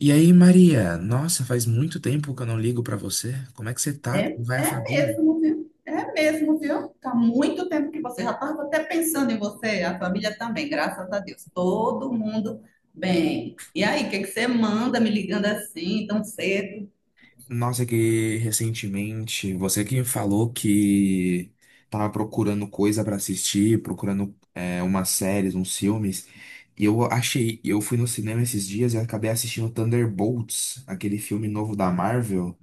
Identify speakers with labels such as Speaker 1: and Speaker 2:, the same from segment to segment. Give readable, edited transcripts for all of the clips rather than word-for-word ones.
Speaker 1: E aí, Maria? Nossa, faz muito tempo que eu não ligo pra você. Como é que você tá?
Speaker 2: É,
Speaker 1: Como vai a
Speaker 2: é
Speaker 1: família?
Speaker 2: mesmo, viu? É mesmo, viu? Tá muito tempo que você já estava até pensando em você, a família também, graças a Deus. Todo mundo bem. E aí, o que é que você manda me ligando assim, tão cedo?
Speaker 1: Nossa, que recentemente você que falou que tava procurando coisa pra assistir, procurando umas séries, uns filmes. Eu fui no cinema esses dias e acabei assistindo Thunderbolts, aquele filme novo da Marvel.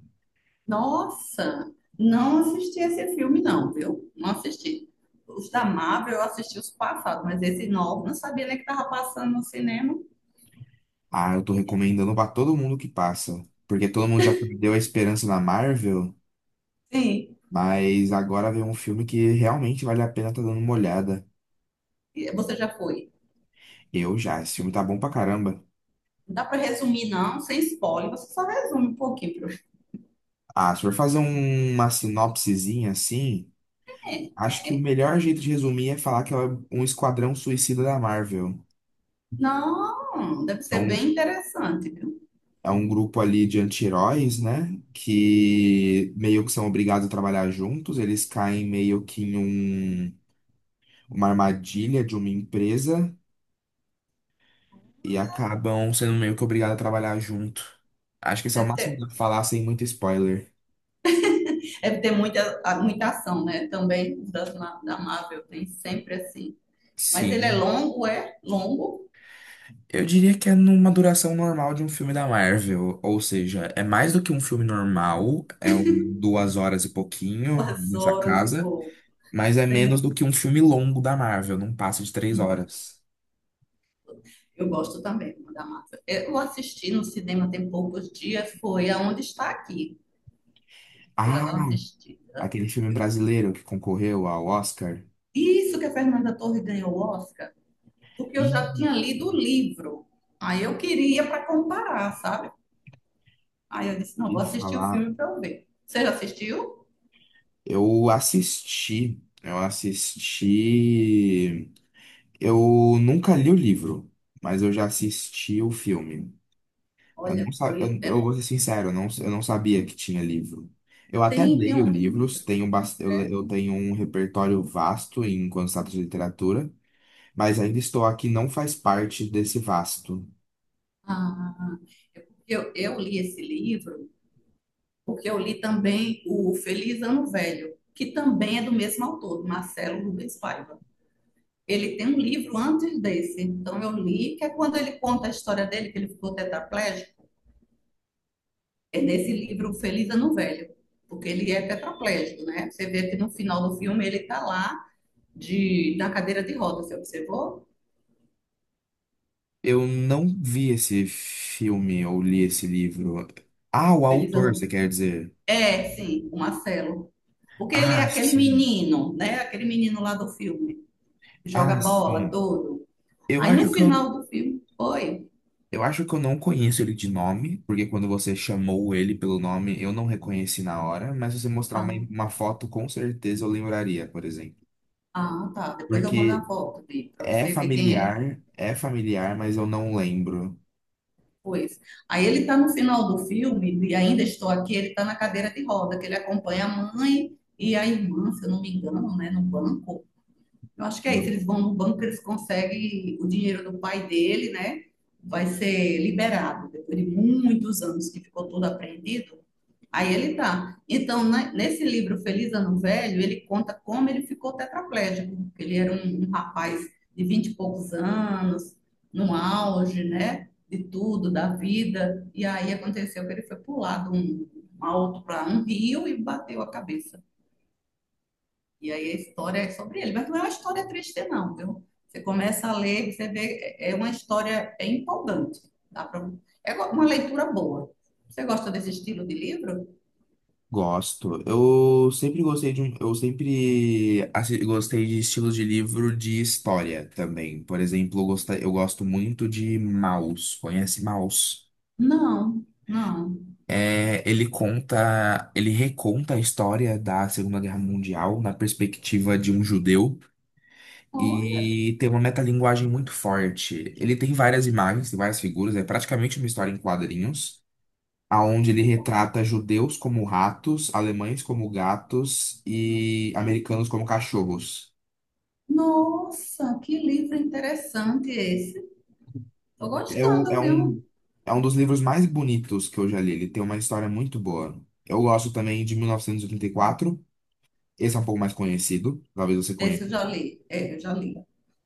Speaker 2: Nossa, não assisti esse filme, não, viu? Não assisti. Os da Marvel eu assisti os passados, mas esse novo não sabia nem que estava passando no cinema.
Speaker 1: Ah, eu tô recomendando pra todo mundo que passa, porque todo mundo já perdeu a esperança na Marvel.
Speaker 2: Sim,
Speaker 1: Mas agora vem um filme que realmente vale a pena estar dando uma olhada.
Speaker 2: e você já foi.
Speaker 1: Eu já, esse filme tá bom pra caramba.
Speaker 2: Não dá para resumir, não, sem spoiler, você só resume um pouquinho.
Speaker 1: Ah, se for fazer uma sinopsezinha assim, acho que o melhor jeito de resumir é falar que é um esquadrão suicida da Marvel.
Speaker 2: Não, deve
Speaker 1: É
Speaker 2: ser
Speaker 1: um,
Speaker 2: bem interessante, viu?
Speaker 1: é um grupo ali de anti-heróis, né? Que meio que são obrigados a trabalhar juntos. Eles caem meio que em um- uma armadilha de uma empresa e acabam sendo meio que obrigados a trabalhar junto. Acho que esse é o
Speaker 2: Deve
Speaker 1: máximo que
Speaker 2: ter,
Speaker 1: dá pra falar sem muito spoiler.
Speaker 2: deve ter muita, muita ação, né? Também das, da Marvel tem sempre assim. Mas ele
Speaker 1: Sim.
Speaker 2: é longo,
Speaker 1: Eu diria que é numa duração normal de um filme da Marvel, ou seja, é mais do que um filme normal, é duas horas e pouquinho
Speaker 2: duas
Speaker 1: nessa
Speaker 2: horas e
Speaker 1: casa,
Speaker 2: pouco.
Speaker 1: mas é
Speaker 2: Sim.
Speaker 1: menos do que um filme longo da Marvel, não passa de três
Speaker 2: Hum,
Speaker 1: horas.
Speaker 2: Eu gosto também da Marvel. Eu assisti no cinema tem poucos dias, foi Aonde Está Aqui. Fui lá
Speaker 1: Ah,
Speaker 2: dar uma assistida.
Speaker 1: aquele filme
Speaker 2: Eu-
Speaker 1: brasileiro que concorreu ao Oscar.
Speaker 2: Isso que a Fernanda Torres ganhou o Oscar, porque eu
Speaker 1: Ih,
Speaker 2: já tinha lido o livro. Aí eu queria para comparar, sabe? Aí eu disse, não,
Speaker 1: e
Speaker 2: vou assistir o
Speaker 1: falar,
Speaker 2: filme para eu ver. Você já assistiu?
Speaker 1: eu assisti, eu nunca li o livro, mas eu já assisti o filme. Eu,
Speaker 2: Olha,
Speaker 1: não, sa- eu
Speaker 2: foi.
Speaker 1: eu vou ser sincero, eu não sabia que tinha livro. Eu até
Speaker 2: Tem, tem
Speaker 1: leio
Speaker 2: um, tem um
Speaker 1: livros,
Speaker 2: livro.
Speaker 1: tenho, bas- eu, le- eu tenho um repertório vasto em quando se trata de literatura, mas ainda estou aqui, não faz parte desse vasto.
Speaker 2: Ah, é porque eu li esse livro, porque eu li também o Feliz Ano Velho, que também é do mesmo autor, do Marcelo Rubens Paiva. Ele tem um livro antes desse, então eu li, que é quando ele conta a história dele, que ele ficou tetraplégico, é nesse livro Feliz Ano Velho, porque ele é tetraplégico, né? Você vê que no final do filme ele está lá de, na cadeira de rodas, você observou?
Speaker 1: Eu não vi esse filme ou li esse livro. Ah, o
Speaker 2: Feliz
Speaker 1: autor, você
Speaker 2: Ano
Speaker 1: quer dizer?
Speaker 2: É, sim, o Marcelo. Porque ele é
Speaker 1: Ah,
Speaker 2: aquele
Speaker 1: sim.
Speaker 2: menino, né? Aquele menino lá do filme. Que
Speaker 1: Ah,
Speaker 2: joga bola,
Speaker 1: sim.
Speaker 2: tudo.
Speaker 1: Eu
Speaker 2: Aí no
Speaker 1: acho que eu
Speaker 2: final do filme, foi.
Speaker 1: Eu acho que eu não conheço ele de nome, porque quando você chamou ele pelo nome, eu não reconheci na hora, mas se você mostrar
Speaker 2: Ah,
Speaker 1: uma foto, com certeza eu lembraria, por exemplo.
Speaker 2: ah, tá. Depois eu mando a
Speaker 1: Porque
Speaker 2: foto dele para você ver quem é.
Speaker 1: é familiar, mas eu não lembro.
Speaker 2: Pois. Aí ele tá no final do filme, e ainda estou aqui, ele tá na cadeira de roda, que ele acompanha a mãe e a irmã, se eu não me engano, né? No banco. Eu acho que é isso.
Speaker 1: Não.
Speaker 2: Eles vão no banco, eles conseguem o dinheiro do pai dele, né? Vai ser liberado depois de muitos anos que ficou tudo apreendido. Aí ele tá. Então, né, nesse livro Feliz Ano Velho, ele conta como ele ficou tetraplégico. Porque ele era um rapaz de vinte e poucos anos, no auge, né? De tudo, da vida. E aí aconteceu que ele foi pular de um alto para um rio e bateu a cabeça. E aí a história é sobre ele, mas não é uma história triste, não, viu? Você começa a ler, você vê, é uma história bem empolgante. É uma leitura boa. Você gosta desse estilo de livro?
Speaker 1: Gosto. Eu sempre gostei de estilos de livro de história também. Por exemplo, eu gosto muito de Maus. Conhece Maus?
Speaker 2: Não, não.
Speaker 1: É, ele reconta a história da Segunda Guerra Mundial na perspectiva de um judeu
Speaker 2: Olha,
Speaker 1: e tem uma metalinguagem muito forte. Ele tem várias imagens, tem várias figuras, é praticamente uma história em quadrinhos, aonde ele retrata judeus como ratos, alemães como gatos e americanos como cachorros.
Speaker 2: nossa, que livro interessante esse. Tô
Speaker 1: É, o-
Speaker 2: gostando,
Speaker 1: é um,
Speaker 2: viu?
Speaker 1: é um dos livros mais bonitos que eu já li, ele tem uma história muito boa. Eu gosto também de 1984. Esse é um pouco mais conhecido, talvez você
Speaker 2: Esse
Speaker 1: conheça.
Speaker 2: eu já li. É, eu já li.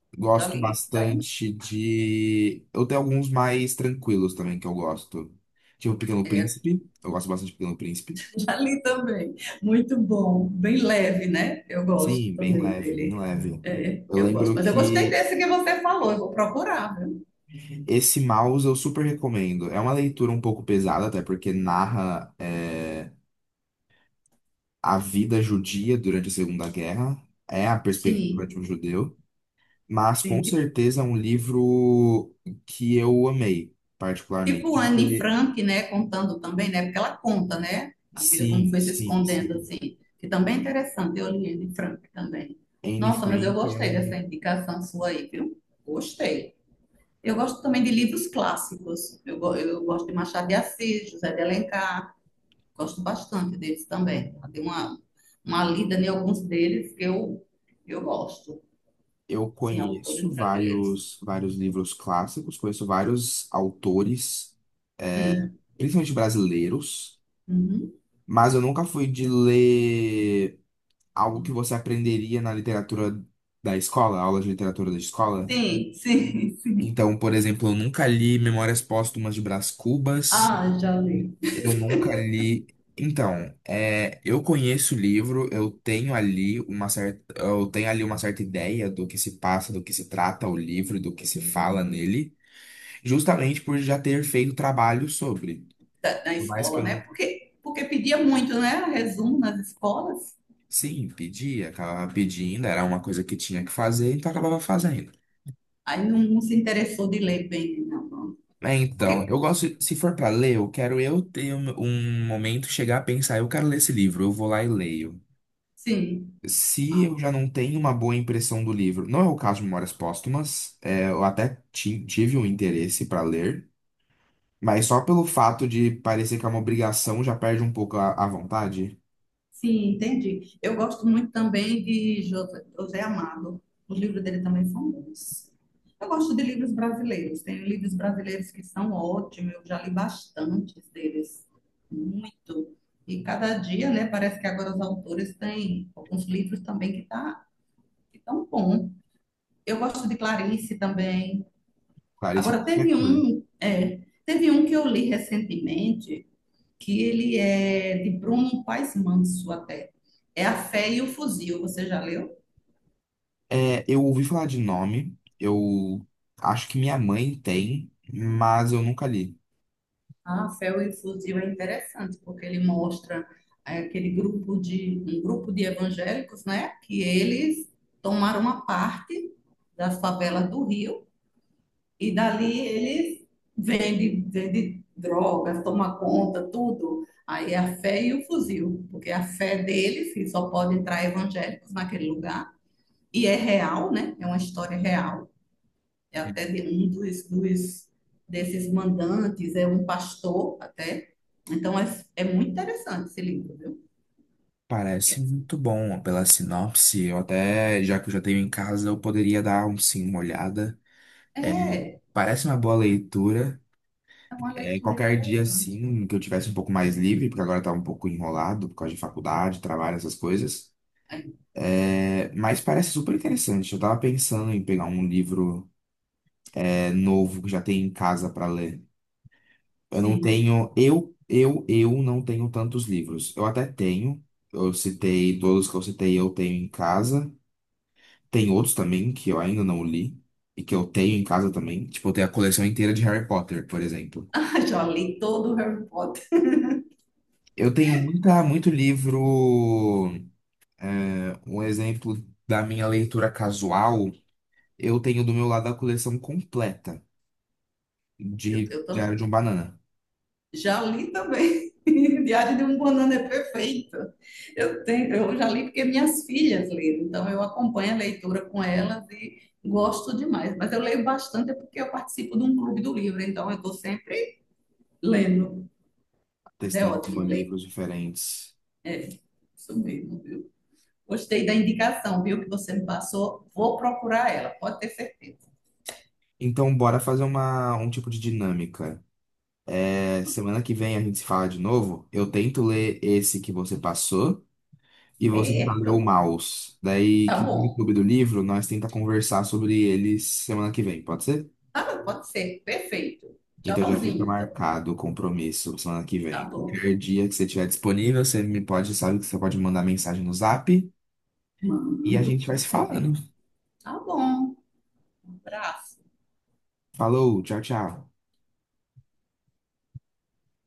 Speaker 2: Eu já
Speaker 1: Gosto
Speaker 2: li esse daí.
Speaker 1: bastante de. Eu tenho alguns mais tranquilos também que eu gosto. Tipo Pequeno
Speaker 2: É,
Speaker 1: Príncipe. Eu gosto bastante de Pequeno Príncipe.
Speaker 2: já li também. Muito bom. Bem leve, né? Eu gosto
Speaker 1: Sim,
Speaker 2: também
Speaker 1: bem
Speaker 2: dele.
Speaker 1: leve.
Speaker 2: É,
Speaker 1: Eu
Speaker 2: eu gosto.
Speaker 1: lembro
Speaker 2: Mas eu gostei
Speaker 1: que
Speaker 2: desse que você falou. Eu vou procurar, viu?
Speaker 1: esse mouse eu super recomendo. É uma leitura um pouco pesada, até porque narra a vida judia durante a Segunda Guerra. É a perspectiva de
Speaker 2: Sim,
Speaker 1: um judeu. Mas com
Speaker 2: sim. Tipo,
Speaker 1: certeza é um livro que eu amei,
Speaker 2: tipo
Speaker 1: particularmente.
Speaker 2: Anne Frank, né? Contando também, né? Porque ela conta, né? A vida como
Speaker 1: Sim,
Speaker 2: foi se
Speaker 1: sim,
Speaker 2: escondendo,
Speaker 1: sim.
Speaker 2: assim. Que também é interessante. Eu li Anne Frank também.
Speaker 1: Anne
Speaker 2: Nossa, mas eu
Speaker 1: Frank é
Speaker 2: gostei dessa
Speaker 1: um.
Speaker 2: indicação sua aí, viu? Gostei. Eu gosto também de livros clássicos. Eu gosto de Machado de Assis, José de Alencar. Gosto bastante deles também. Ela tem uma lida em alguns deles que eu gosto.
Speaker 1: Eu
Speaker 2: Sim,
Speaker 1: conheço
Speaker 2: autores brasileiros.
Speaker 1: vários livros clássicos, conheço vários autores, é,
Speaker 2: Sim.
Speaker 1: principalmente brasileiros,
Speaker 2: Uhum.
Speaker 1: mas eu nunca fui de ler algo que você aprenderia na literatura da escola, aula de literatura da escola.
Speaker 2: Sim, sim, sim.
Speaker 1: Então, por exemplo, eu nunca li Memórias Póstumas de Brás Cubas.
Speaker 2: Ah, já li.
Speaker 1: Eu nunca li. Então, é, eu conheço o livro, eu tenho ali uma certa ideia do que se passa, do que se trata o livro, do que se fala nele, justamente por já ter feito trabalho sobre.
Speaker 2: Da, da
Speaker 1: Por mais que
Speaker 2: escola,
Speaker 1: eu
Speaker 2: né?
Speaker 1: não,
Speaker 2: Porque, porque pedia muito, né? Resumo nas escolas.
Speaker 1: sim, pedia, acabava pedindo, era uma coisa que tinha que fazer, então acabava fazendo.
Speaker 2: Aí não, não se interessou de ler bem, né? Não.
Speaker 1: É, então,
Speaker 2: Porque,
Speaker 1: eu gosto, se for para ler, eu quero eu ter um, um momento, chegar a pensar, eu quero ler esse livro, eu vou lá e leio.
Speaker 2: sim.
Speaker 1: Se eu já não tenho uma boa impressão do livro, não é o caso de Memórias Póstumas, tive um interesse para ler, mas só pelo fato de parecer que é uma obrigação já perde um pouco a vontade.
Speaker 2: Sim, entendi. Eu gosto muito também de José Amado. Os livros dele também são bons. Eu gosto de livros brasileiros. Tem livros brasileiros que são ótimos. Eu já li bastantes deles. Muito. E cada dia, né? Parece que agora os autores têm alguns livros também que tão bom. Eu gosto de Clarice também.
Speaker 1: Clarice
Speaker 2: Agora,
Speaker 1: Lispector.
Speaker 2: teve um que eu li recentemente que ele é de Bruno Paes Manso até. É A Fé e o Fuzil, você já leu?
Speaker 1: É, eu ouvi falar de nome, eu acho que minha mãe tem, mas eu nunca li.
Speaker 2: Ah, A Fé e o Fuzil é interessante, porque ele mostra aquele um grupo de evangélicos, né, que eles tomaram uma parte da favela do Rio e dali eles vendem, vendem drogas, tomam conta, tudo. Aí é a fé e o fuzil, porque a fé deles, que só pode entrar evangélicos naquele lugar, e é real, né? É uma história real. É até
Speaker 1: Uhum.
Speaker 2: de um dos desses mandantes, é um pastor até. Então é muito interessante esse livro, viu?
Speaker 1: Parece muito bom pela sinopse. Eu até, já que eu já tenho em casa, eu poderia dar um sim, uma olhada.
Speaker 2: É, é
Speaker 1: Parece uma boa leitura.
Speaker 2: uma
Speaker 1: É,
Speaker 2: leitura
Speaker 1: qualquer dia,
Speaker 2: interessante.
Speaker 1: assim, que eu tivesse um pouco mais livre, porque agora tá um pouco enrolado por causa de faculdade, trabalho, essas coisas.
Speaker 2: É,
Speaker 1: É, mas parece super interessante. Eu tava pensando em pegar um livro, é, novo que já tem em casa pra ler.
Speaker 2: sim,
Speaker 1: Eu não tenho tantos livros. Eu até tenho, eu citei todos que eu citei, eu tenho em casa. Tem outros também que eu ainda não li e que eu tenho em casa também. Tipo, eu tenho a coleção inteira de Harry Potter, por exemplo.
Speaker 2: ah, já li todo o Harry Potter.
Speaker 1: Muito livro. É, um exemplo da minha leitura casual, eu tenho do meu lado a coleção completa
Speaker 2: Eu,
Speaker 1: de
Speaker 2: eu tam-
Speaker 1: Diário de um Banana,
Speaker 2: Já li também. Diário de um Banana é perfeito. Eu tenho, eu já li porque minhas filhas leram, então eu acompanho a leitura com elas e gosto demais. Mas eu leio bastante é porque eu participo de um clube do livro, então eu estou sempre lendo. Mas é
Speaker 1: testando com
Speaker 2: ótimo ler.
Speaker 1: livros diferentes.
Speaker 2: É, isso mesmo, viu? Gostei da indicação, viu, que você me passou. Vou procurar ela, pode ter certeza.
Speaker 1: Então, bora fazer um tipo de dinâmica. É, semana que vem a gente se fala de novo. Eu tento ler esse que você passou e você tenta ler o
Speaker 2: Certo?
Speaker 1: Maus. Daí,
Speaker 2: Tá
Speaker 1: que no
Speaker 2: bom.
Speaker 1: clube do livro, nós tenta conversar sobre eles semana que vem, pode ser?
Speaker 2: Tá bom, pode ser. Perfeito.
Speaker 1: Então já fica
Speaker 2: Tchauzinho, então.
Speaker 1: marcado o compromisso semana que
Speaker 2: Tá
Speaker 1: vem.
Speaker 2: bom.
Speaker 1: Qualquer dia que você estiver disponível, você me pode, sabe que você pode mandar mensagem no Zap e a
Speaker 2: Mando,
Speaker 1: gente vai
Speaker 2: com
Speaker 1: se
Speaker 2: certeza.
Speaker 1: falando.
Speaker 2: Tá bom. Um abraço.
Speaker 1: Falou, tchau, tchau.